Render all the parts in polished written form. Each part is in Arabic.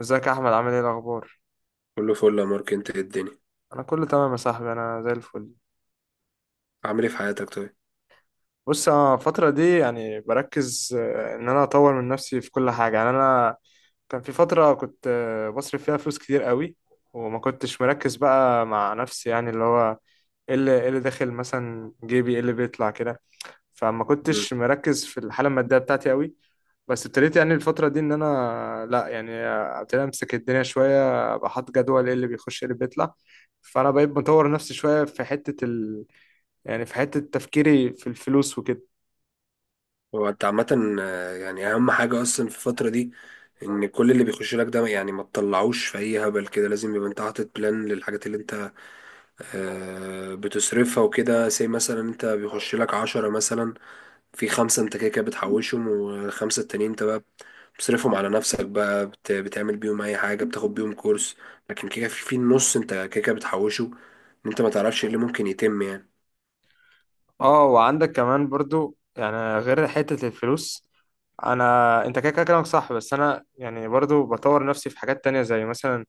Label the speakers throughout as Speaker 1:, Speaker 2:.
Speaker 1: ازيك يا احمد؟ عامل ايه الاخبار؟
Speaker 2: كله فل يا مارك، انت ايه الدنيا؟
Speaker 1: انا كله تمام يا صاحبي، انا زي الفل.
Speaker 2: عامل ايه في حياتك طيب؟
Speaker 1: بص، انا الفتره دي يعني بركز ان انا اطور من نفسي في كل حاجه. يعني انا كان في فتره كنت، بصرف فيها فلوس كتير قوي، وما كنتش مركز بقى مع نفسي. يعني اللي هو ايه اللي إيه اللي داخل مثلا جيبي، ايه اللي بيطلع كده. فما
Speaker 2: مم.
Speaker 1: كنتش مركز في الحاله الماديه بتاعتي قوي. بس ابتديت يعني الفتره دي ان انا لا يعني ابتديت امسك الدنيا شويه، ابقى حاطط جدول ايه اللي بيخش ايه اللي بيطلع. فانا بقيت بطور نفسي شويه في يعني في حته تفكيري في الفلوس وكده.
Speaker 2: هو انت عامة يعني اهم حاجة اصلا في الفترة دي ان كل اللي بيخش لك ده، يعني ما تطلعوش في اي هبل كده، لازم يبقى انت حاطط بلان للحاجات اللي انت بتصرفها وكده. زي مثلا انت بيخش لك عشرة، مثلا في خمسة انت كده كده بتحوشهم، والخمسة التانيين انت بقى بتصرفهم على نفسك بقى، بتعمل بيهم اي حاجة، بتاخد بيهم كورس. لكن كده في النص انت كده كده بتحوشه، ان انت ما تعرفش ايه اللي ممكن يتم يعني.
Speaker 1: اه، وعندك كمان برضو يعني غير حته الفلوس، انا انت كده كده كلامك صح، بس انا يعني برضو بطور نفسي في حاجات تانية زي مثلا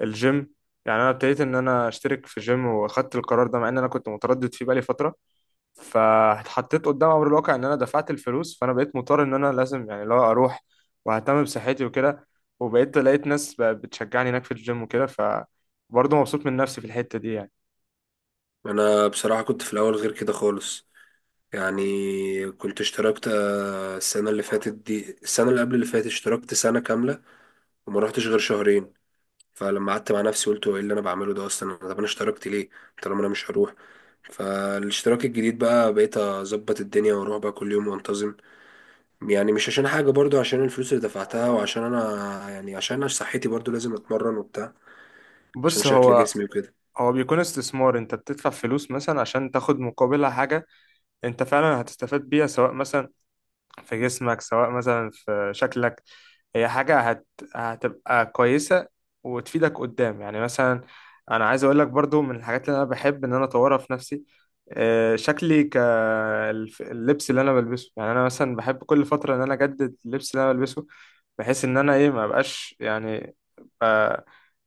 Speaker 1: الجيم. يعني انا ابتديت ان انا اشترك في جيم، واخدت القرار ده مع ان انا كنت متردد فيه بقالي فتره، فاتحطيت قدام امر الواقع ان انا دفعت الفلوس، فانا بقيت مضطر ان انا لازم يعني لو اروح واهتم بصحتي وكده. وبقيت لقيت ناس بتشجعني هناك في الجيم وكده، فبرضه مبسوط من نفسي في الحتة دي يعني.
Speaker 2: انا بصراحة كنت في الاول غير كده خالص. يعني كنت اشتركت السنة اللي فاتت دي، السنة اللي قبل اللي فاتت، اشتركت سنة كاملة وما رحتش غير شهرين. فلما قعدت مع نفسي قلت هو ايه اللي انا بعمله ده اصلا؟ طب انا اشتركت ليه طالما انا مش هروح؟ فالاشتراك الجديد بقى بقيت اظبط الدنيا، واروح بقى كل يوم وانتظم. يعني مش عشان حاجة، برضو عشان الفلوس اللي دفعتها، وعشان انا يعني عشان انا صحتي برضو لازم اتمرن وبتاع، عشان
Speaker 1: بص
Speaker 2: شكل
Speaker 1: هو
Speaker 2: جسمي وكده.
Speaker 1: هو بيكون استثمار، انت بتدفع فلوس مثلا عشان تاخد مقابلها حاجة انت فعلا هتستفاد بيها، سواء مثلا في جسمك سواء مثلا في شكلك. هي هتبقى كويسة وتفيدك قدام. يعني مثلا أنا عايز أقول لك برضو من الحاجات اللي أنا بحب إن أنا أطورها في نفسي، شكلي كاللبس اللي أنا بلبسه. يعني أنا مثلا بحب كل فترة إن أنا أجدد اللبس اللي أنا بلبسه، بحيث إن أنا إيه ما بقاش يعني ب-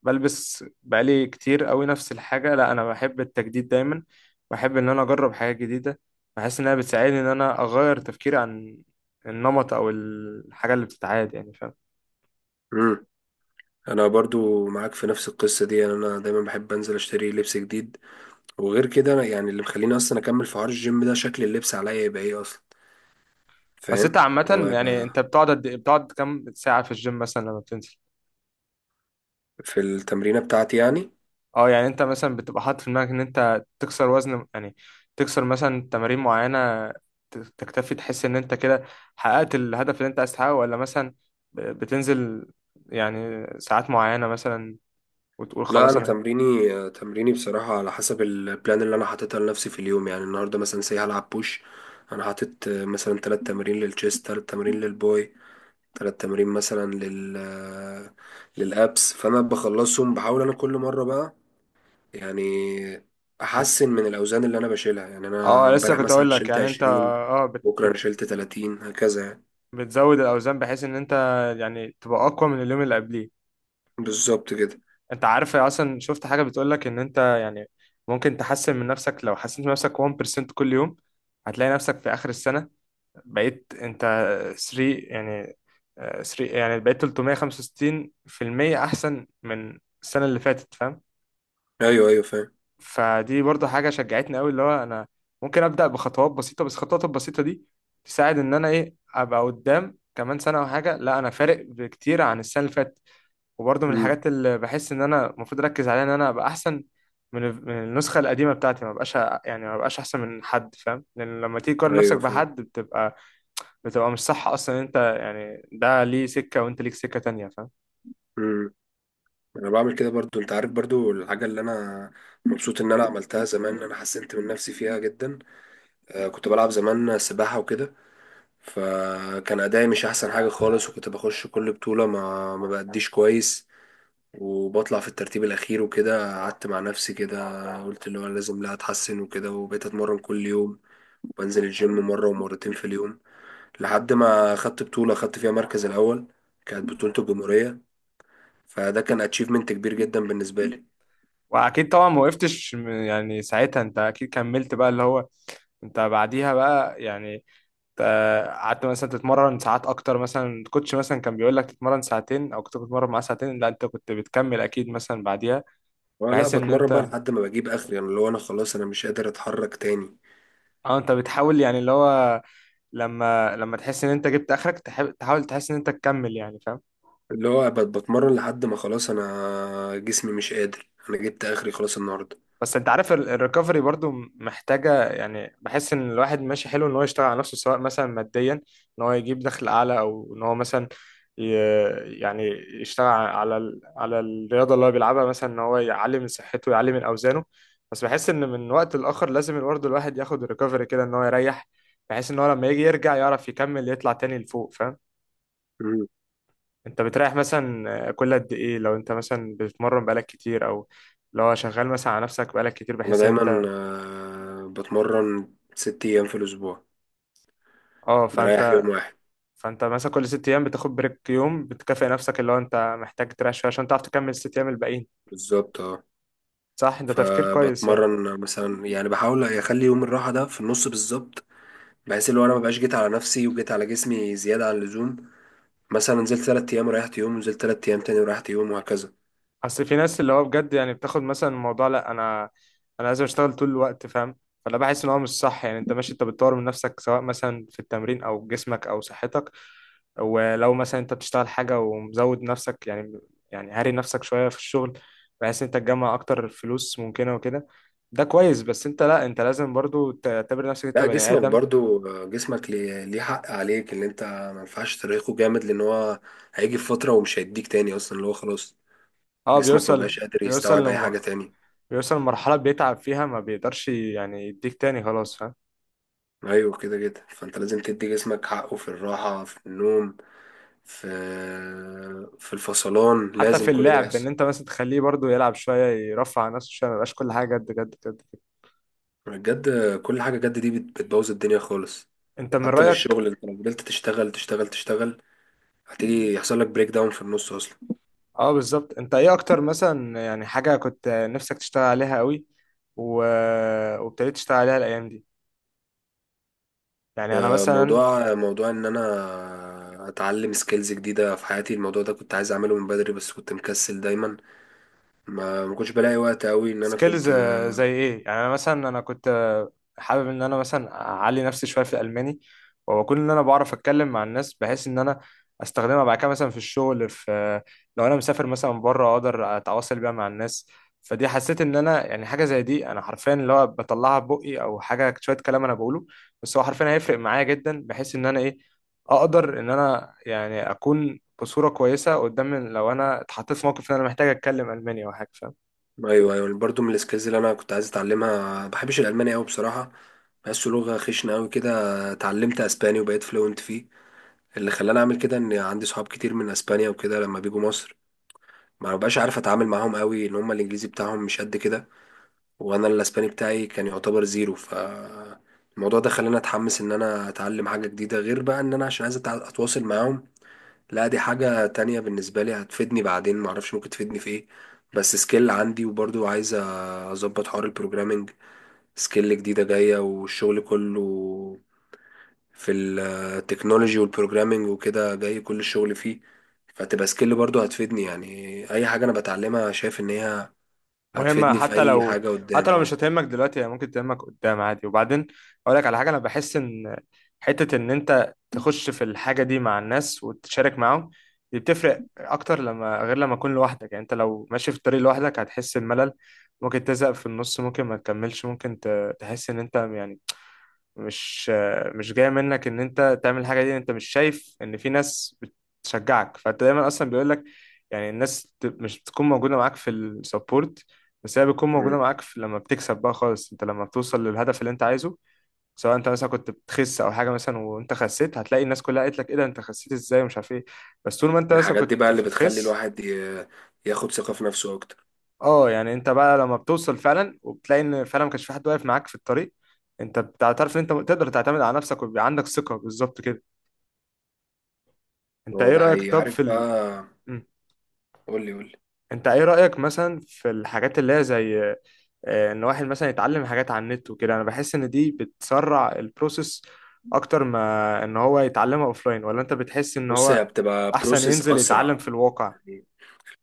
Speaker 1: بلبس بقالي كتير قوي نفس الحاجة. لا، أنا بحب التجديد دايما، بحب إن أنا أجرب حاجات جديدة. بحس إنها بتساعدني إن أنا أغير تفكيري عن النمط او الحاجه اللي بتتعاد، يعني فاهم.
Speaker 2: انا برضو معاك في نفس القصه دي، يعني انا دايما بحب انزل اشتري لبس جديد. وغير كده انا يعني اللي مخليني اصلا اكمل في حوار الجيم ده شكل اللبس عليا يبقى ايه اصلا،
Speaker 1: بس انت
Speaker 2: فاهم؟ اللي هو
Speaker 1: عامه يعني
Speaker 2: يبقى
Speaker 1: انت بتقعد بتقعد كام ساعه في الجيم مثلا لما بتنزل؟
Speaker 2: في التمرينه بتاعتي يعني.
Speaker 1: اه، يعني انت مثلا بتبقى حاطط في دماغك ان انت تكسر وزن، يعني تكسر مثلا تمارين معينه، تكتفي تحس ان انت كده حققت الهدف اللي انت عايز تحققه؟ ولا مثلا بتنزل يعني ساعات معينه مثلا وتقول
Speaker 2: لا
Speaker 1: خلاص
Speaker 2: انا
Speaker 1: انا؟
Speaker 2: تمريني، تمريني بصراحه على حسب البلان اللي انا حاططها لنفسي في اليوم. يعني النهارده مثلا سي هلعب بوش، انا حاطط مثلا ثلاث تمارين للتشيست، ثلاث تمارين للباي، ثلاث تمارين مثلا للابس. فانا بخلصهم، بحاول انا كل مره بقى يعني احسن من الاوزان اللي انا بشيلها. يعني انا
Speaker 1: اه لسه
Speaker 2: امبارح
Speaker 1: كنت
Speaker 2: مثلا
Speaker 1: اقول لك
Speaker 2: شلت
Speaker 1: يعني انت
Speaker 2: 20،
Speaker 1: اه بت
Speaker 2: بكره انا
Speaker 1: بت
Speaker 2: شلت 30، هكذا يعني.
Speaker 1: بتزود الاوزان بحيث ان انت يعني تبقى اقوى من اليوم اللي قبليه.
Speaker 2: بالظبط كده.
Speaker 1: انت عارف اصلا شفت حاجه بتقول لك ان انت يعني ممكن تحسن من نفسك لو حسنت من نفسك 1% كل يوم، هتلاقي نفسك في اخر السنه بقيت انت 3 يعني 3 يعني بقيت 365% احسن من السنه اللي فاتت، فاهم.
Speaker 2: ايوه ايوه فاهم.
Speaker 1: فدي برضو حاجه شجعتني قوي، اللي هو انا ممكن ابدا بخطوات بسيطه، بس الخطوات البسيطه دي تساعد ان انا ايه ابقى قدام كمان سنه او حاجه لا انا فارق بكتير عن السنه اللي فاتت. وبرضه من
Speaker 2: امم.
Speaker 1: الحاجات اللي بحس ان انا المفروض اركز عليها ان انا ابقى احسن من النسخه القديمه بتاعتي. ما بقاش يعني ما بقاش احسن من حد، فاهم، لان لما تيجي تقارن نفسك
Speaker 2: ايوه فاهم.
Speaker 1: بحد بتبقى مش صح اصلا. انت يعني ده ليه سكه وانت ليك سكه تانية، فاهم.
Speaker 2: امم. انا بعمل كده برضو، انت عارف برضو الحاجه اللي انا مبسوط ان انا عملتها زمان، انا حسنت من نفسي فيها جدا. آه كنت بلعب زمان سباحه وكده، فكان ادائي مش احسن حاجه خالص، وكنت بخش كل بطوله ما بأديش كويس، وبطلع في الترتيب الأخير وكده. قعدت مع نفسي كده، قلت اللي هو أنا لازم لا أتحسن وكده، وبقيت أتمرن كل يوم وأنزل الجيم مرة ومرتين في اليوم، لحد ما خدت بطولة، خدت فيها مركز الأول. كانت بطولة الجمهورية، فده كان أتشيفمنت كبير جدا بالنسبة لي.
Speaker 1: واكيد طبعا ما وقفتش يعني ساعتها انت اكيد كملت بقى اللي هو، انت بعديها بقى يعني ت- قعدت مثلا تتمرن ساعات اكتر. مثلا الكوتش مثلا كان بيقول لك تتمرن ساعتين او كنت بتتمرن معاه ساعتين، لا انت كنت بتكمل اكيد مثلا بعديها،
Speaker 2: اه، لا
Speaker 1: بحيث ان
Speaker 2: بتمرن بقى
Speaker 1: انت
Speaker 2: لحد ما بجيب آخري، يعني اللي هو أنا خلاص أنا مش قادر أتحرك تاني.
Speaker 1: اه انت بتحاول يعني اللي هو لما تحس ان انت جبت اخرك تحب تحاول تحس ان انت تكمل، يعني فاهم.
Speaker 2: اللي هو بتمرن لحد ما خلاص أنا جسمي مش قادر، أنا جبت آخري خلاص النهاردة.
Speaker 1: بس انت عارف الريكفري برضو محتاجة. يعني بحس ان الواحد ماشي حلو ان هو يشتغل على نفسه سواء مثلا ماديا ان هو يجيب دخل اعلى، او ان هو مثلا يعني يشتغل على على الرياضة اللي هو بيلعبها، مثلا ان هو يعلي من صحته ويعلي من اوزانه. بس بحس ان من وقت لاخر لازم برضه الواحد ياخد الريكفري كده ان هو يريح، بحيث ان هو لما يجي يرجع يعرف يكمل يطلع تاني لفوق، فاهم.
Speaker 2: مم.
Speaker 1: انت بتريح مثلا كل قد ايه لو انت مثلا بتتمرن بقالك كتير، او لو شغال مثلا على نفسك بقالك كتير
Speaker 2: أنا
Speaker 1: بحيث ان
Speaker 2: دايما
Speaker 1: انت
Speaker 2: بتمرن ست أيام في الأسبوع،
Speaker 1: اه؟
Speaker 2: بريح يوم واحد.
Speaker 1: فانت مثلا كل ست ايام بتاخد بريك يوم، بتكافئ نفسك، اللي هو انت محتاج تريح شويه عشان تعرف تكمل الست ايام الباقيين.
Speaker 2: بالظبط، اه.
Speaker 1: صح، ده تفكير كويس يعني.
Speaker 2: فبتمرن مثلا، يعني بحاول اخلي يوم الراحه ده في النص بالظبط، بحيث اللي هو انا مبقاش جيت على نفسي وجيت على جسمي زياده عن اللزوم. مثلا نزلت تلات ايام وريحت يوم، ونزلت تلات ايام تاني وريحت يوم، وهكذا.
Speaker 1: اصل في ناس اللي هو بجد يعني بتاخد مثلا الموضوع لا انا انا لازم اشتغل طول الوقت، فاهم. فلا، بحس ان هو مش صح. يعني انت ماشي انت بتطور من نفسك سواء مثلا في التمرين او جسمك او صحتك، ولو مثلا انت بتشتغل حاجة ومزود نفسك يعني، يعني هاري نفسك شوية في الشغل بحيث انت تجمع اكتر فلوس ممكنة وكده، ده كويس. بس انت لا انت لازم برضو تعتبر نفسك انت
Speaker 2: لا
Speaker 1: بني
Speaker 2: جسمك
Speaker 1: ادم.
Speaker 2: برضو جسمك ليه حق عليك، اللي انت ما ينفعش ترهقه جامد، لان هو هيجي في فتره ومش هيديك تاني اصلا، اللي هو خلاص
Speaker 1: اه،
Speaker 2: جسمك ما بقاش قادر
Speaker 1: بيوصل
Speaker 2: يستوعب اي
Speaker 1: لم...
Speaker 2: حاجه تاني.
Speaker 1: بيوصل لمرحلة بيتعب فيها ما بيقدرش يعني يديك تاني خلاص، فاهم.
Speaker 2: ايوه كده كده، فانت لازم تدي جسمك حقه في الراحه، في النوم، في في الفصلان،
Speaker 1: حتى
Speaker 2: لازم
Speaker 1: في
Speaker 2: كل ده
Speaker 1: اللعب ان
Speaker 2: يحصل.
Speaker 1: انت مثلا تخليه برضو يلعب شوية، يرفع عن نفسه شوية، ما يبقاش كل حاجة جد جد جد كده.
Speaker 2: بجد، كل حاجة جد دي بتبوظ الدنيا خالص.
Speaker 1: انت من
Speaker 2: حتى في
Speaker 1: رأيك؟
Speaker 2: الشغل، انت لو فضلت تشتغل تشتغل تشتغل هتيجي يحصل لك بريك داون في النص اصلا.
Speaker 1: اه بالظبط. انت ايه اكتر مثلا يعني حاجة كنت نفسك تشتغل عليها قوي و... وابتديت تشتغل عليها الايام دي؟ يعني انا
Speaker 2: آه،
Speaker 1: مثلا
Speaker 2: موضوع موضوع ان انا اتعلم سكيلز جديدة في حياتي، الموضوع ده كنت عايز اعمله من بدري بس كنت مكسل دايما، ما كنتش بلاقي وقت قوي ان انا
Speaker 1: سكيلز،
Speaker 2: كنت.
Speaker 1: زي ايه يعني؟ انا مثلا انا كنت، حابب ان انا مثلا اعلي نفسي شويه في الالماني، واكون ان انا بعرف اتكلم مع الناس بحيث ان انا استخدمها بعد كده مثلا في الشغل في، لو انا مسافر مثلا بره اقدر اتواصل بيها مع الناس. فدي حسيت ان انا يعني حاجه زي دي انا حرفيا اللي هو بطلعها ببقي او حاجه شويه كلام انا بقوله، بس هو حرفيا هيفرق معايا جدا، بحيث ان انا ايه اقدر ان انا يعني اكون بصوره كويسه قدام لو انا اتحطيت في موقف ان انا محتاج اتكلم الماني او حاجه، فاهم.
Speaker 2: ايوه ايوه، برضو من السكيلز اللي انا كنت عايز اتعلمها. ما بحبش الالماني قوي بصراحة، بحسه لغة خشنة قوي كده. اتعلمت اسباني وبقيت فلوينت فيه، اللي خلاني اعمل كده ان عندي صحاب كتير من اسبانيا وكده. لما بيجوا مصر ما ببقاش عارف اتعامل معاهم قوي، ان هم الانجليزي بتاعهم مش قد كده، وانا الاسباني بتاعي كان يعتبر زيرو. ف الموضوع ده خلاني اتحمس ان انا اتعلم حاجة جديدة، غير بقى ان انا عشان عايز اتواصل معاهم. لا دي حاجة تانية بالنسبة لي، هتفيدني بعدين، معرفش ممكن تفيدني في ايه، بس سكيل عندي. وبرضو عايز اظبط حوار البروجرامينج، سكيل جديدة جاية، والشغل كله في التكنولوجي والبروجرامينج وكده، جاي كل الشغل فيه، فتبقى سكيل برضو هتفيدني يعني. اي حاجة انا بتعلمها شايف ان هي
Speaker 1: مهمة
Speaker 2: هتفيدني في اي حاجة
Speaker 1: حتى
Speaker 2: قدام،
Speaker 1: لو
Speaker 2: اه.
Speaker 1: مش هتهمك دلوقتي هي ممكن تهمك قدام عادي. وبعدين أقول لك على حاجة، أنا بحس إن حتة إن أنت تخش في الحاجة دي مع الناس وتشارك معاهم دي بتفرق أكتر لما، غير لما أكون لوحدك. يعني أنت لو ماشي في الطريق لوحدك هتحس الملل، ممكن تزهق في النص، ممكن ما تكملش، ممكن تحس إن أنت يعني مش مش جاية منك ان انت تعمل الحاجة دي. انت مش شايف ان في ناس بتشجعك، فانت دايما اصلا بيقول لك، يعني الناس مش بتكون موجودة معاك في السبورت، بس هي بتكون موجودة
Speaker 2: مم.
Speaker 1: معاك في لما بتكسب بقى خالص، انت لما بتوصل للهدف اللي انت عايزه. سواء انت مثلا كنت بتخس او حاجة مثلا، وانت خسيت هتلاقي الناس كلها قالت لك ايه ده انت خسيت ازاي ومش عارف ايه، بس طول ما انت مثلا
Speaker 2: الحاجات دي بقى
Speaker 1: كنت
Speaker 2: اللي بتخلي
Speaker 1: بتخس.
Speaker 2: الواحد ياخد ثقة في نفسه اكتر.
Speaker 1: اه، يعني انت بقى لما بتوصل فعلا وبتلاقي ان فعلا ما كانش في حد واقف معاك في الطريق، انت بتعترف ان انت تقدر تعتمد على نفسك ويبقى عندك ثقة، بالظبط كده. انت
Speaker 2: هو
Speaker 1: ايه
Speaker 2: ده
Speaker 1: رأيك
Speaker 2: حقيقي،
Speaker 1: طب
Speaker 2: عارف
Speaker 1: في
Speaker 2: بقى.
Speaker 1: مم.
Speaker 2: قولي قولي.
Speaker 1: انت ايه رأيك مثلا في الحاجات اللي هي زي، ان واحد مثلا يتعلم حاجات على النت وكده؟ انا بحس ان دي بتسرع البروسيس اكتر ما ان هو يتعلمها اوفلاين. ولا انت بتحس ان
Speaker 2: بص
Speaker 1: هو
Speaker 2: هي بتبقى
Speaker 1: احسن
Speaker 2: بروسيس
Speaker 1: ينزل يتعلم
Speaker 2: اسرع،
Speaker 1: في الواقع؟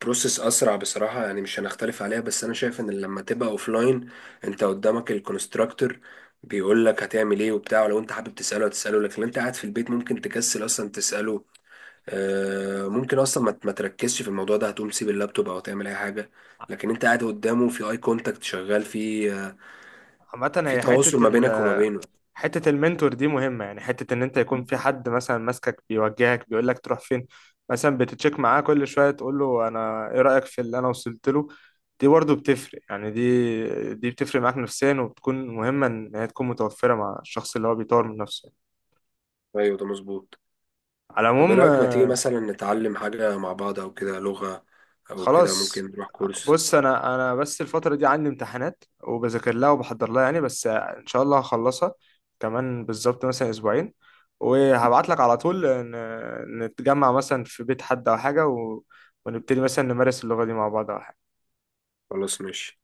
Speaker 2: بروسيس اسرع بصراحه، يعني مش هنختلف عليها. بس انا شايف ان لما تبقى اوفلاين انت قدامك الكونستراكتور بيقول لك هتعمل ايه وبتاع، ولو انت حابب تساله هتساله. لكن انت قاعد في البيت ممكن تكسل اصلا تساله، ممكن اصلا ما تركزش في الموضوع ده، هتقوم تسيب اللابتوب او تعمل اي حاجه. لكن انت قاعد قدامه في اي كونتاكت شغال، في
Speaker 1: عامة
Speaker 2: في
Speaker 1: هي
Speaker 2: تواصل ما بينك وما بينه.
Speaker 1: حتة المنتور دي مهمة. يعني حتة إن أنت يكون في حد مثلا ماسكك بيوجهك بيقول لك تروح فين، مثلا بتتشيك معاه كل شوية تقول له أنا إيه رأيك في اللي أنا وصلت له، دي برضه بتفرق. يعني دي بتفرق معاك نفسيا وبتكون مهمة إن هي تكون متوفرة مع الشخص اللي هو بيطور من نفسه،
Speaker 2: ايوه ده مظبوط.
Speaker 1: على
Speaker 2: طب ايه
Speaker 1: العموم.
Speaker 2: رايك ما تيجي مثلا نتعلم حاجه مع بعض او كده، لغه او كده، ممكن
Speaker 1: خلاص،
Speaker 2: نروح كورس.
Speaker 1: بص انا بس الفتره دي عندي امتحانات وبذاكر لها وبحضر لها، يعني بس ان شاء الله هخلصها كمان بالظبط مثلا اسبوعين، وهبعت لك على طول نتجمع مثلا في بيت حد او حاجه ونبتدي مثلا نمارس اللغه دي مع بعض او حاجه.
Speaker 2: خلاص ماشي.